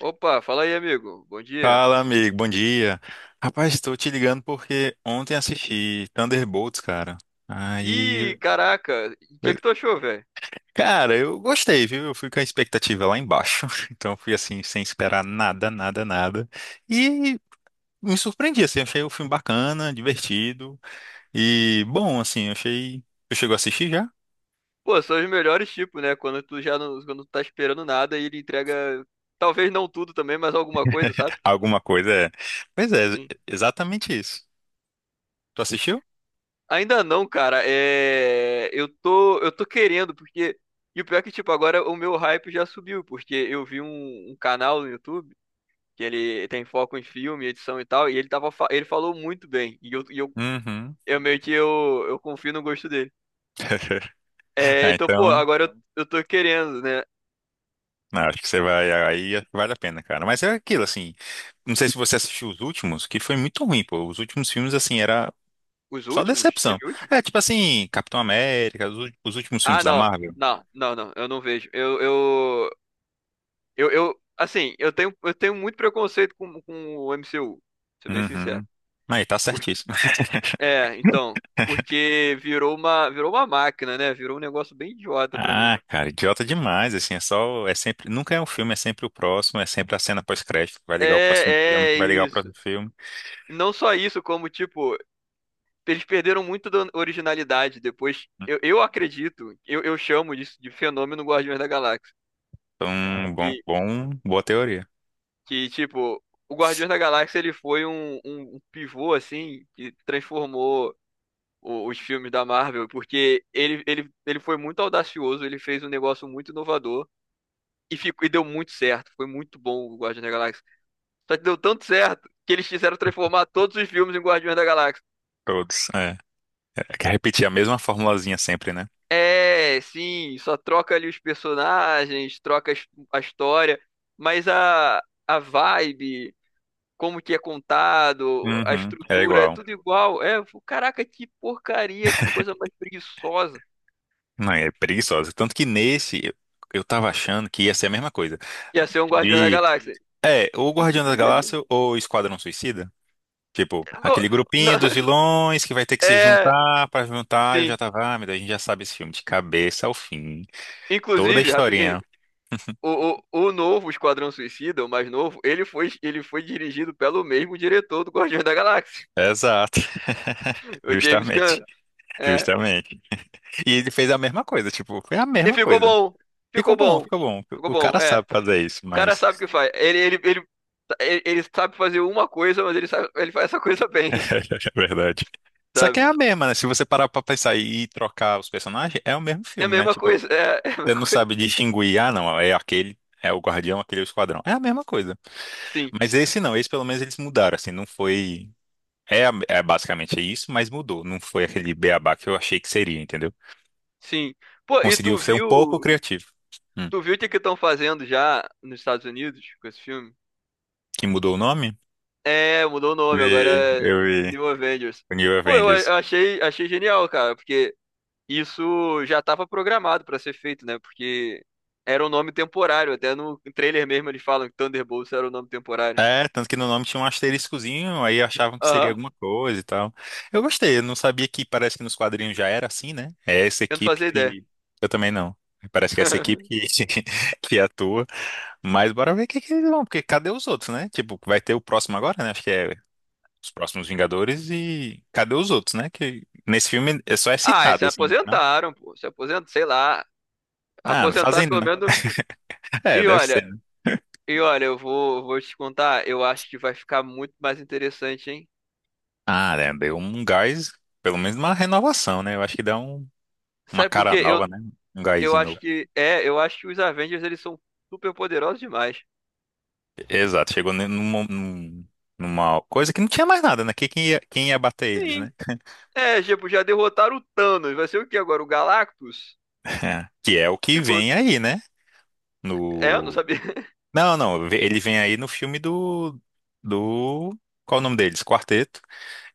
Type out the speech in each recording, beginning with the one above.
Opa, fala aí, amigo. Bom dia. Fala, amigo, bom dia. Rapaz, estou te ligando porque ontem assisti Thunderbolts, cara. Aí, Ih, caraca, o que é que tu achou, velho? cara, eu gostei, viu? Eu fui com a expectativa lá embaixo, então fui assim, sem esperar nada, nada, nada. E me surpreendi, assim, achei o filme bacana, divertido e bom, assim, achei. Tu chegou a assistir já? Pô, são os melhores tipos, né? Quando tu tá esperando nada e ele entrega, talvez não tudo também, mas alguma coisa, sabe? Alguma coisa é. Pois é, Sim. exatamente isso. Tu assistiu? Ainda não, cara. É, eu tô querendo porque e o pior é que tipo agora o meu hype já subiu, porque eu vi um canal no YouTube que ele tem foco em filme, edição e tal, e ele falou muito bem. Uhum. Eu meio que eu confio no gosto dele. É, É, então, pô, então. agora eu tô querendo, né? Não, acho que você vai. Aí vale a pena, cara. Mas é aquilo, assim. Não sei se você assistiu os últimos, que foi muito ruim, pô. Os últimos filmes, assim, era Os só últimos? decepção. Teve últimos? É, tipo assim, Capitão América, os últimos filmes Ah, da não. Marvel. Não, não, não. Eu não vejo. Eu assim, eu tenho muito preconceito com o MCU, pra ser bem sincero. Uhum. Aí, tá Por- certíssimo. é, então, porque virou uma, máquina, né? Virou um negócio bem idiota pra Ah, mim. cara, idiota demais, assim, é só, é sempre, nunca é um filme, é sempre o próximo, é sempre a cena pós-crédito, que vai ligar o próximo filme, É, que é vai ligar o isso. próximo filme. Não só isso, como, tipo, eles perderam muito da originalidade depois. Eu acredito, eu chamo disso de fenômeno Guardiões da Galáxia. Então, boa teoria. Que, tipo, o Guardiões da Galáxia ele foi um pivô, assim, que transformou os filmes da Marvel, porque ele foi muito audacioso, ele fez um negócio muito inovador e deu muito certo. Foi muito bom o Guardiões da Galáxia. Só que deu tanto certo que eles quiseram transformar todos os filmes em Guardiões da Galáxia. Todos, é. É que repetir a mesma formulazinha sempre, né? É, sim, só troca ali os personagens, a história, mas a vibe. Como que é contado, a Uhum, é estrutura, é igual. tudo igual. É, eu falo, caraca, que porcaria, que coisa mais preguiçosa. Não, é preguiçosa. Tanto que nesse, eu tava achando que ia ser a mesma coisa. Ia ser um Guardião da De, Galáxia. é, ou Guardião da Galáxia ou Esquadrão Suicida. Tipo, Bom, aquele grupinho dos não- vilões que vai ter que se é, juntar pra juntar. Eu já sim. tava, ah, meu Deus, a gente já sabe esse filme de cabeça ao fim. Toda a Inclusive, rapidinho, historinha. o novo Esquadrão Suicida, o mais novo, ele foi dirigido pelo mesmo diretor do Guardião da Galáxia, Exato. o James Justamente. Gunn. É. Justamente. E ele fez a mesma coisa, tipo, foi a E mesma ficou coisa. bom, Ficou ficou bom, bom, ficou bom. ficou O bom, cara é. sabe fazer isso, O cara mas. sabe o que faz. Ele sabe fazer uma coisa, mas ele faz essa coisa É bem, verdade. Só que sabe? é a mesma, né? Se você parar pra pensar e trocar os personagens, é o mesmo É a filme, né? mesma Tipo, coisa, é, é a você mesma não coisa. sabe distinguir, ah, não, é aquele, é o Guardião, aquele é o Esquadrão. É a mesma coisa. Sim, Mas esse não, esse pelo menos eles mudaram, assim, não foi. É, é basicamente isso, mas mudou. Não foi aquele beabá que eu achei que seria, entendeu? sim. Pô, e Conseguiu tu ser um pouco viu, criativo. Hum. tu viu o que que estão fazendo já nos Estados Unidos com esse filme? Que mudou o nome? É, mudou o nome, agora Vi, é eu vi. New Avengers. O New Pô, Avengers. Achei genial, cara, porque isso já estava programado para ser feito, né? Porque era um nome temporário, até no trailer mesmo eles falam que Thunderbolts era o nome temporário. É, tanto que no nome tinha um asteriscozinho, aí achavam que seria Aham, alguma coisa e tal. Eu gostei, eu não sabia que parece que nos quadrinhos já era assim, né? É essa eu não equipe fazia ideia. que. Eu também não. Parece que é essa equipe que atua. Mas bora ver o que eles vão, porque cadê os outros, né? Tipo, vai ter o próximo agora, né? Acho que é os próximos Vingadores e cadê os outros, né? Que nesse filme é só é Ah, e se citado, assim, mas não. aposentaram, pô, se aposentaram, sei lá, Ah, não aposentaram fazem pelo nada. menos. É, E deve ser, olha, né? E olha, eu vou te contar, eu acho que vai ficar muito mais interessante, hein? Ah, né? Deu um gás, pelo menos uma renovação, né? Eu acho que dá um... Uma Sabe por cara quê? Eu, nova, né? Um eu gásinho acho novo. que, é, eu acho que os Avengers, eles são super poderosos demais. Exato, chegou numa coisa que não tinha mais nada, né? Que- quem ia bater eles, Sim. né? É, tipo, já derrotaram o Thanos, vai ser o que agora? O Galactus? Que é o que Tipo, vem aí, né? é, eu não No... sabia. Não, não, ele vem aí no filme do... do... Qual o nome deles? Quarteto.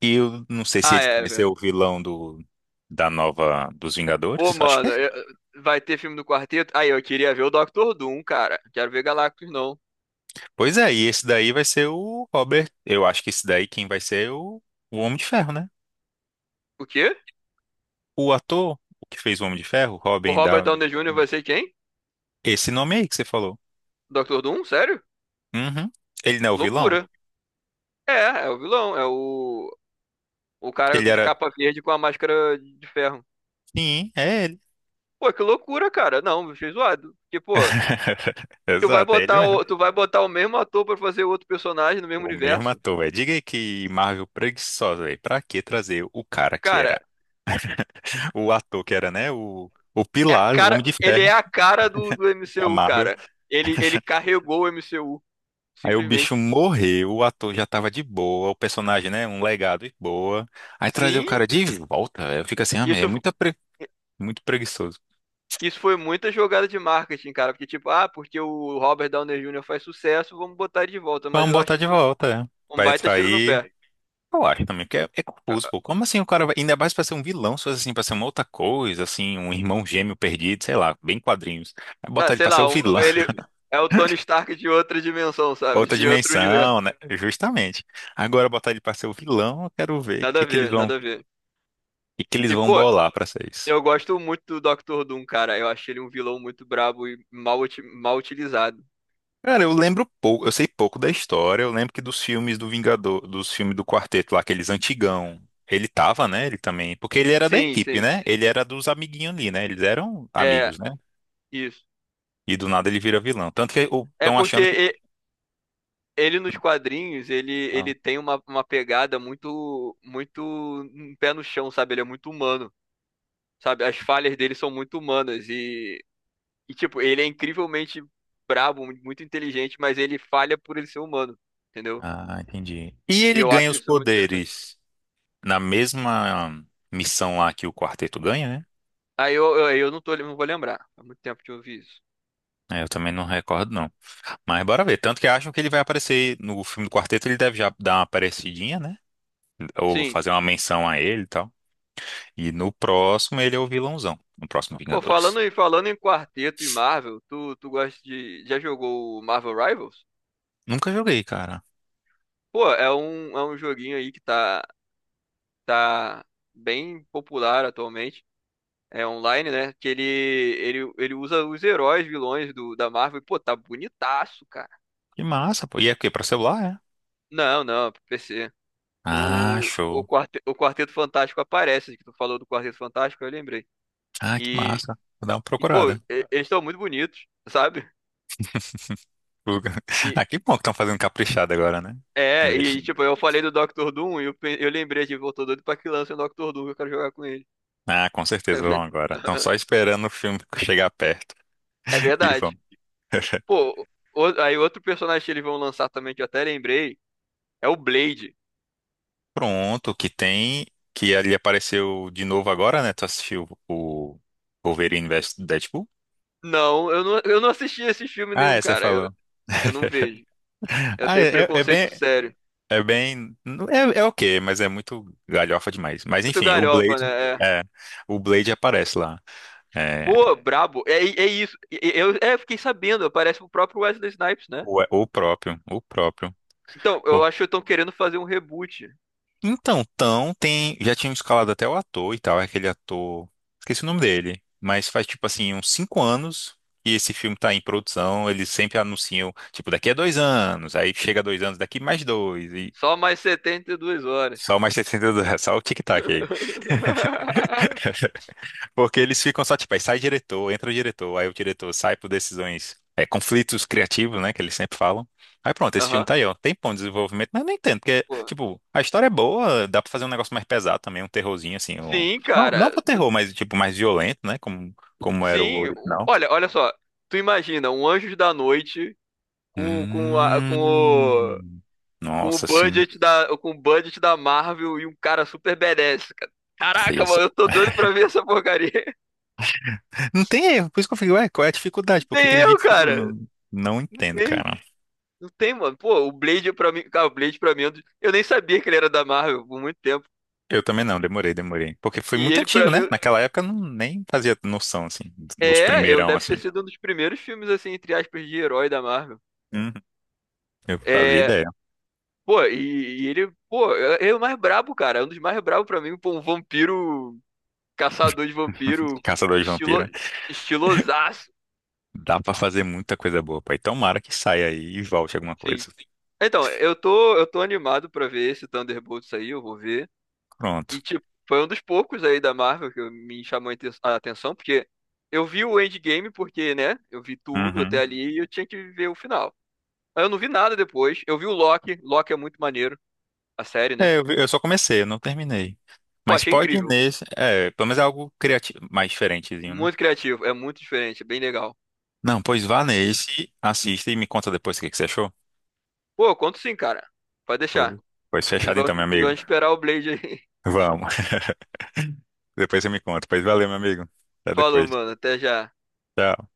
E eu não sei se Ah, ele é, vai ser o velho. vilão do... da nova... dos Pô, Vingadores, acho que mano, é. Vai ter filme do Quarteto? Aí, eu queria ver o Doctor Doom, cara. Quero ver Galactus, não. Pois é, e esse daí vai ser o Robert. Eu acho que esse daí quem vai ser é o Homem de Ferro, né? O quê? O ator que fez o Homem de Ferro, O Robin Robert Downey. Downey Jr. vai ser quem? Esse nome aí que você falou. Doctor Doom? Sério? Uhum. Ele não é o vilão? Loucura. É, é o vilão. O cara Ele de era. capa verde com a máscara de ferro. Sim, é ele. Pô, que loucura, cara. Não, achei zoado. Porque, pô, tu vai Exato, é ele botar mesmo. o, tu vai botar o mesmo ator pra fazer outro personagem no mesmo O mesmo universo. ator, velho. Diga aí que Marvel preguiçosa, velho. Pra que trazer o cara que Cara, era, o ator que era, né? O é a Pilar, o Homem cara, de ele é Ferro a cara do da MCU, Marvel. cara. Ele carregou o MCU, Aí o bicho simplesmente. morreu, o ator já tava de boa, o personagem, né? Um legado de boa. Aí trazer o Sim, cara de volta, velho. Fica assim, ah, meu, é isso, muito preguiçoso. isso foi muita jogada de marketing, cara. Porque, tipo, ah, porque o Robert Downey Jr. faz sucesso, vamos botar ele de volta. Mas Vamos eu botar acho de que foi volta, né? um Vai baita tiro no atrair. pé. Eu acho também, porque é, é confuso, pô. Como assim o cara vai. Ainda mais pra ser um vilão, se fosse assim, pra ser uma outra coisa, assim, um irmão gêmeo perdido, sei lá, bem quadrinhos. Aí Ah, botar ele sei pra ser o lá, vilão, ele é o Tony Stark de outra dimensão, sabe? outra De outro universo. dimensão, né? Justamente. Agora botar ele pra ser o vilão, eu quero ver Nada a ver, o nada a ver. que que eles E, vão pô, bolar pra ser isso. eu gosto muito do Doctor Doom, cara. Eu achei ele um vilão muito brabo e mal utilizado. Cara, eu lembro pouco, eu sei pouco da história, eu lembro que dos filmes do Vingador, dos filmes do Quarteto lá, aqueles antigão. Ele tava, né? Ele também. Porque ele era da Sim, equipe, sim. né? Ele era dos amiguinhos ali, né? Eles eram É, amigos, né? isso. E do nada ele vira vilão. Tanto que É estão porque achando que. e- ele nos quadrinhos, ele, Ah, ele tem uma pegada muito, muito um pé no chão, sabe? Ele é muito humano, sabe? As falhas dele são muito humanas e E, tipo, ele é incrivelmente brabo, muito inteligente, mas ele falha por ele ser humano, entendeu? ah, entendi. E E ele eu ganha acho os isso muito interessante. poderes na mesma missão lá que o quarteto ganha, né? Aí eu não tô, não vou lembrar. Há muito tempo que eu ouvi isso. É, eu também não recordo, não. Mas bora ver. Tanto que acham que ele vai aparecer no filme do quarteto, ele deve já dar uma aparecidinha, né? Ou Sim. fazer uma menção a ele e tal. E no próximo ele é o vilãozão. No próximo Pô, falando Vingadores. em, falando em quarteto e Marvel, tu, tu gosta de. Já jogou o Marvel Rivals? Nunca joguei, cara. Pô, é um joguinho aí que tá bem popular atualmente. É online, né? Que ele usa os heróis, vilões da Marvel. E, pô, tá bonitaço, cara. Que massa, pô. E é o quê? Pra celular, é? Não, não, pro PC. Ah, O, o, show. quarte, o Quarteto Fantástico aparece, que tu falou do Quarteto Fantástico, eu lembrei. Ah, que E, massa. Vou dar uma Pô, procurada. Eles estão muito bonitos, sabe? Fuga. E, Ah, que bom que estão fazendo caprichado agora, né? é, e Investindo. tipo, eu falei do Doctor Doom e eu lembrei de, pô, tô doido pra que lance o Doctor Doom, que eu quero jogar com ele. Ah, com certeza vão agora. Estão só esperando o filme chegar perto. É E verdade. vão. Pô, aí outro personagem que eles vão lançar também, que eu até lembrei, é o Blade. Pronto, que tem. Que ali apareceu de novo agora, né? Tu assistiu o Wolverine vs Deadpool? Não, eu não assisti esse filme Ah, nenhum, é, você cara. Eu, falou. eu não vejo. Eu Ah, tenho é é preconceito bem. sério. É bem, é, é ok, mas é muito galhofa demais. Mas Muito enfim, o galhofa, Blade. né? É. É, o Blade aparece lá. É, Pô, brabo. É, é isso. Eu fiquei sabendo, aparece o próprio Wesley Snipes, né? o próprio. O próprio. Então, eu acho que estão querendo fazer um reboot. Então, Tão tem. Já tinham escalado até o ator e tal, é aquele ator. Esqueci o nome dele. Mas faz tipo assim, uns 5 anos que esse filme tá em produção. Eles sempre anunciam, tipo, daqui a 2 anos. Aí chega 2 anos, daqui mais dois. E Só mais 72 horas. só mais 60 do... Só o tic-tac aí. Porque eles ficam só, tipo, aí sai diretor, entra o diretor, aí o diretor sai por decisões, é, conflitos criativos, né, que eles sempre falam. Aí pronto, esse filme Aham. tá aí, ó. Tem bom desenvolvimento, mas eu não entendo, porque, Pô. tipo, a história é boa, dá pra fazer um negócio mais pesado também, um terrorzinho, assim, um... Sim, não, não cara. pro terror, mas, tipo, mais violento, né, como, como era o Sim. Original. Olha, olha só. Tu imagina um Anjos da Noite com, com, a, com o, Hum... com o Nossa, sim. budget da Marvel e um cara super badass, cara. Nossa, e Caraca, essa- mano, eu tô doido pra ver essa porcaria. Não tem erro, por isso que eu fico, ué, qual é a dificuldade? Por que Nem que eles eu, dificultam? cara. Não, não entendo, Nem cara. Não tem, mano. Pô, o Blade pra mim. Cara, o Blade pra mim. Eu nem sabia que ele era da Marvel por muito tempo. Eu também não, demorei, demorei. Porque foi E muito ele antigo, pra né? mim. Naquela época eu não, nem fazia noção, assim, dos É, eu primeirão, deve assim. ter sido um dos primeiros filmes, assim, entre aspas, de herói da Marvel. Uhum. Eu fazia É. ideia. Pô, e ele. Pô, é, é o mais brabo, cara. É um dos mais brabos pra mim. Pô, um vampiro. Caçador de vampiro. Caçador de Estilo, vampiro. estilosaço. Dá pra fazer muita coisa boa, pai. Tomara que saia aí e volte alguma Sim. coisa. Então, eu tô animado pra ver esse Thunderbolts aí. Eu vou ver. Pronto. E, tipo, foi um dos poucos aí da Marvel que me chamou a atenção, porque eu vi o Endgame porque, né, eu vi tudo até Uhum. ali e eu tinha que ver o final. Aí eu não vi nada depois. Eu vi o Loki. Loki é muito maneiro, a série, né? Eu só comecei, eu não terminei. Pô, Mas achei pode ir incrível. nesse. É, pelo menos é algo criativo, mais diferentezinho, né? Muito criativo, é muito diferente, é bem legal. Não, pois vá nesse, assista e me conta depois o que que você achou. Pô, eu conto sim, cara. Pode deixar. Pô, pois E fechado então, vamos, meu e amigo. vamos esperar o Blade aí. Vamos. Depois você me conta. Pois valeu, meu amigo. Até Falou, depois. mano. Até já. Tchau.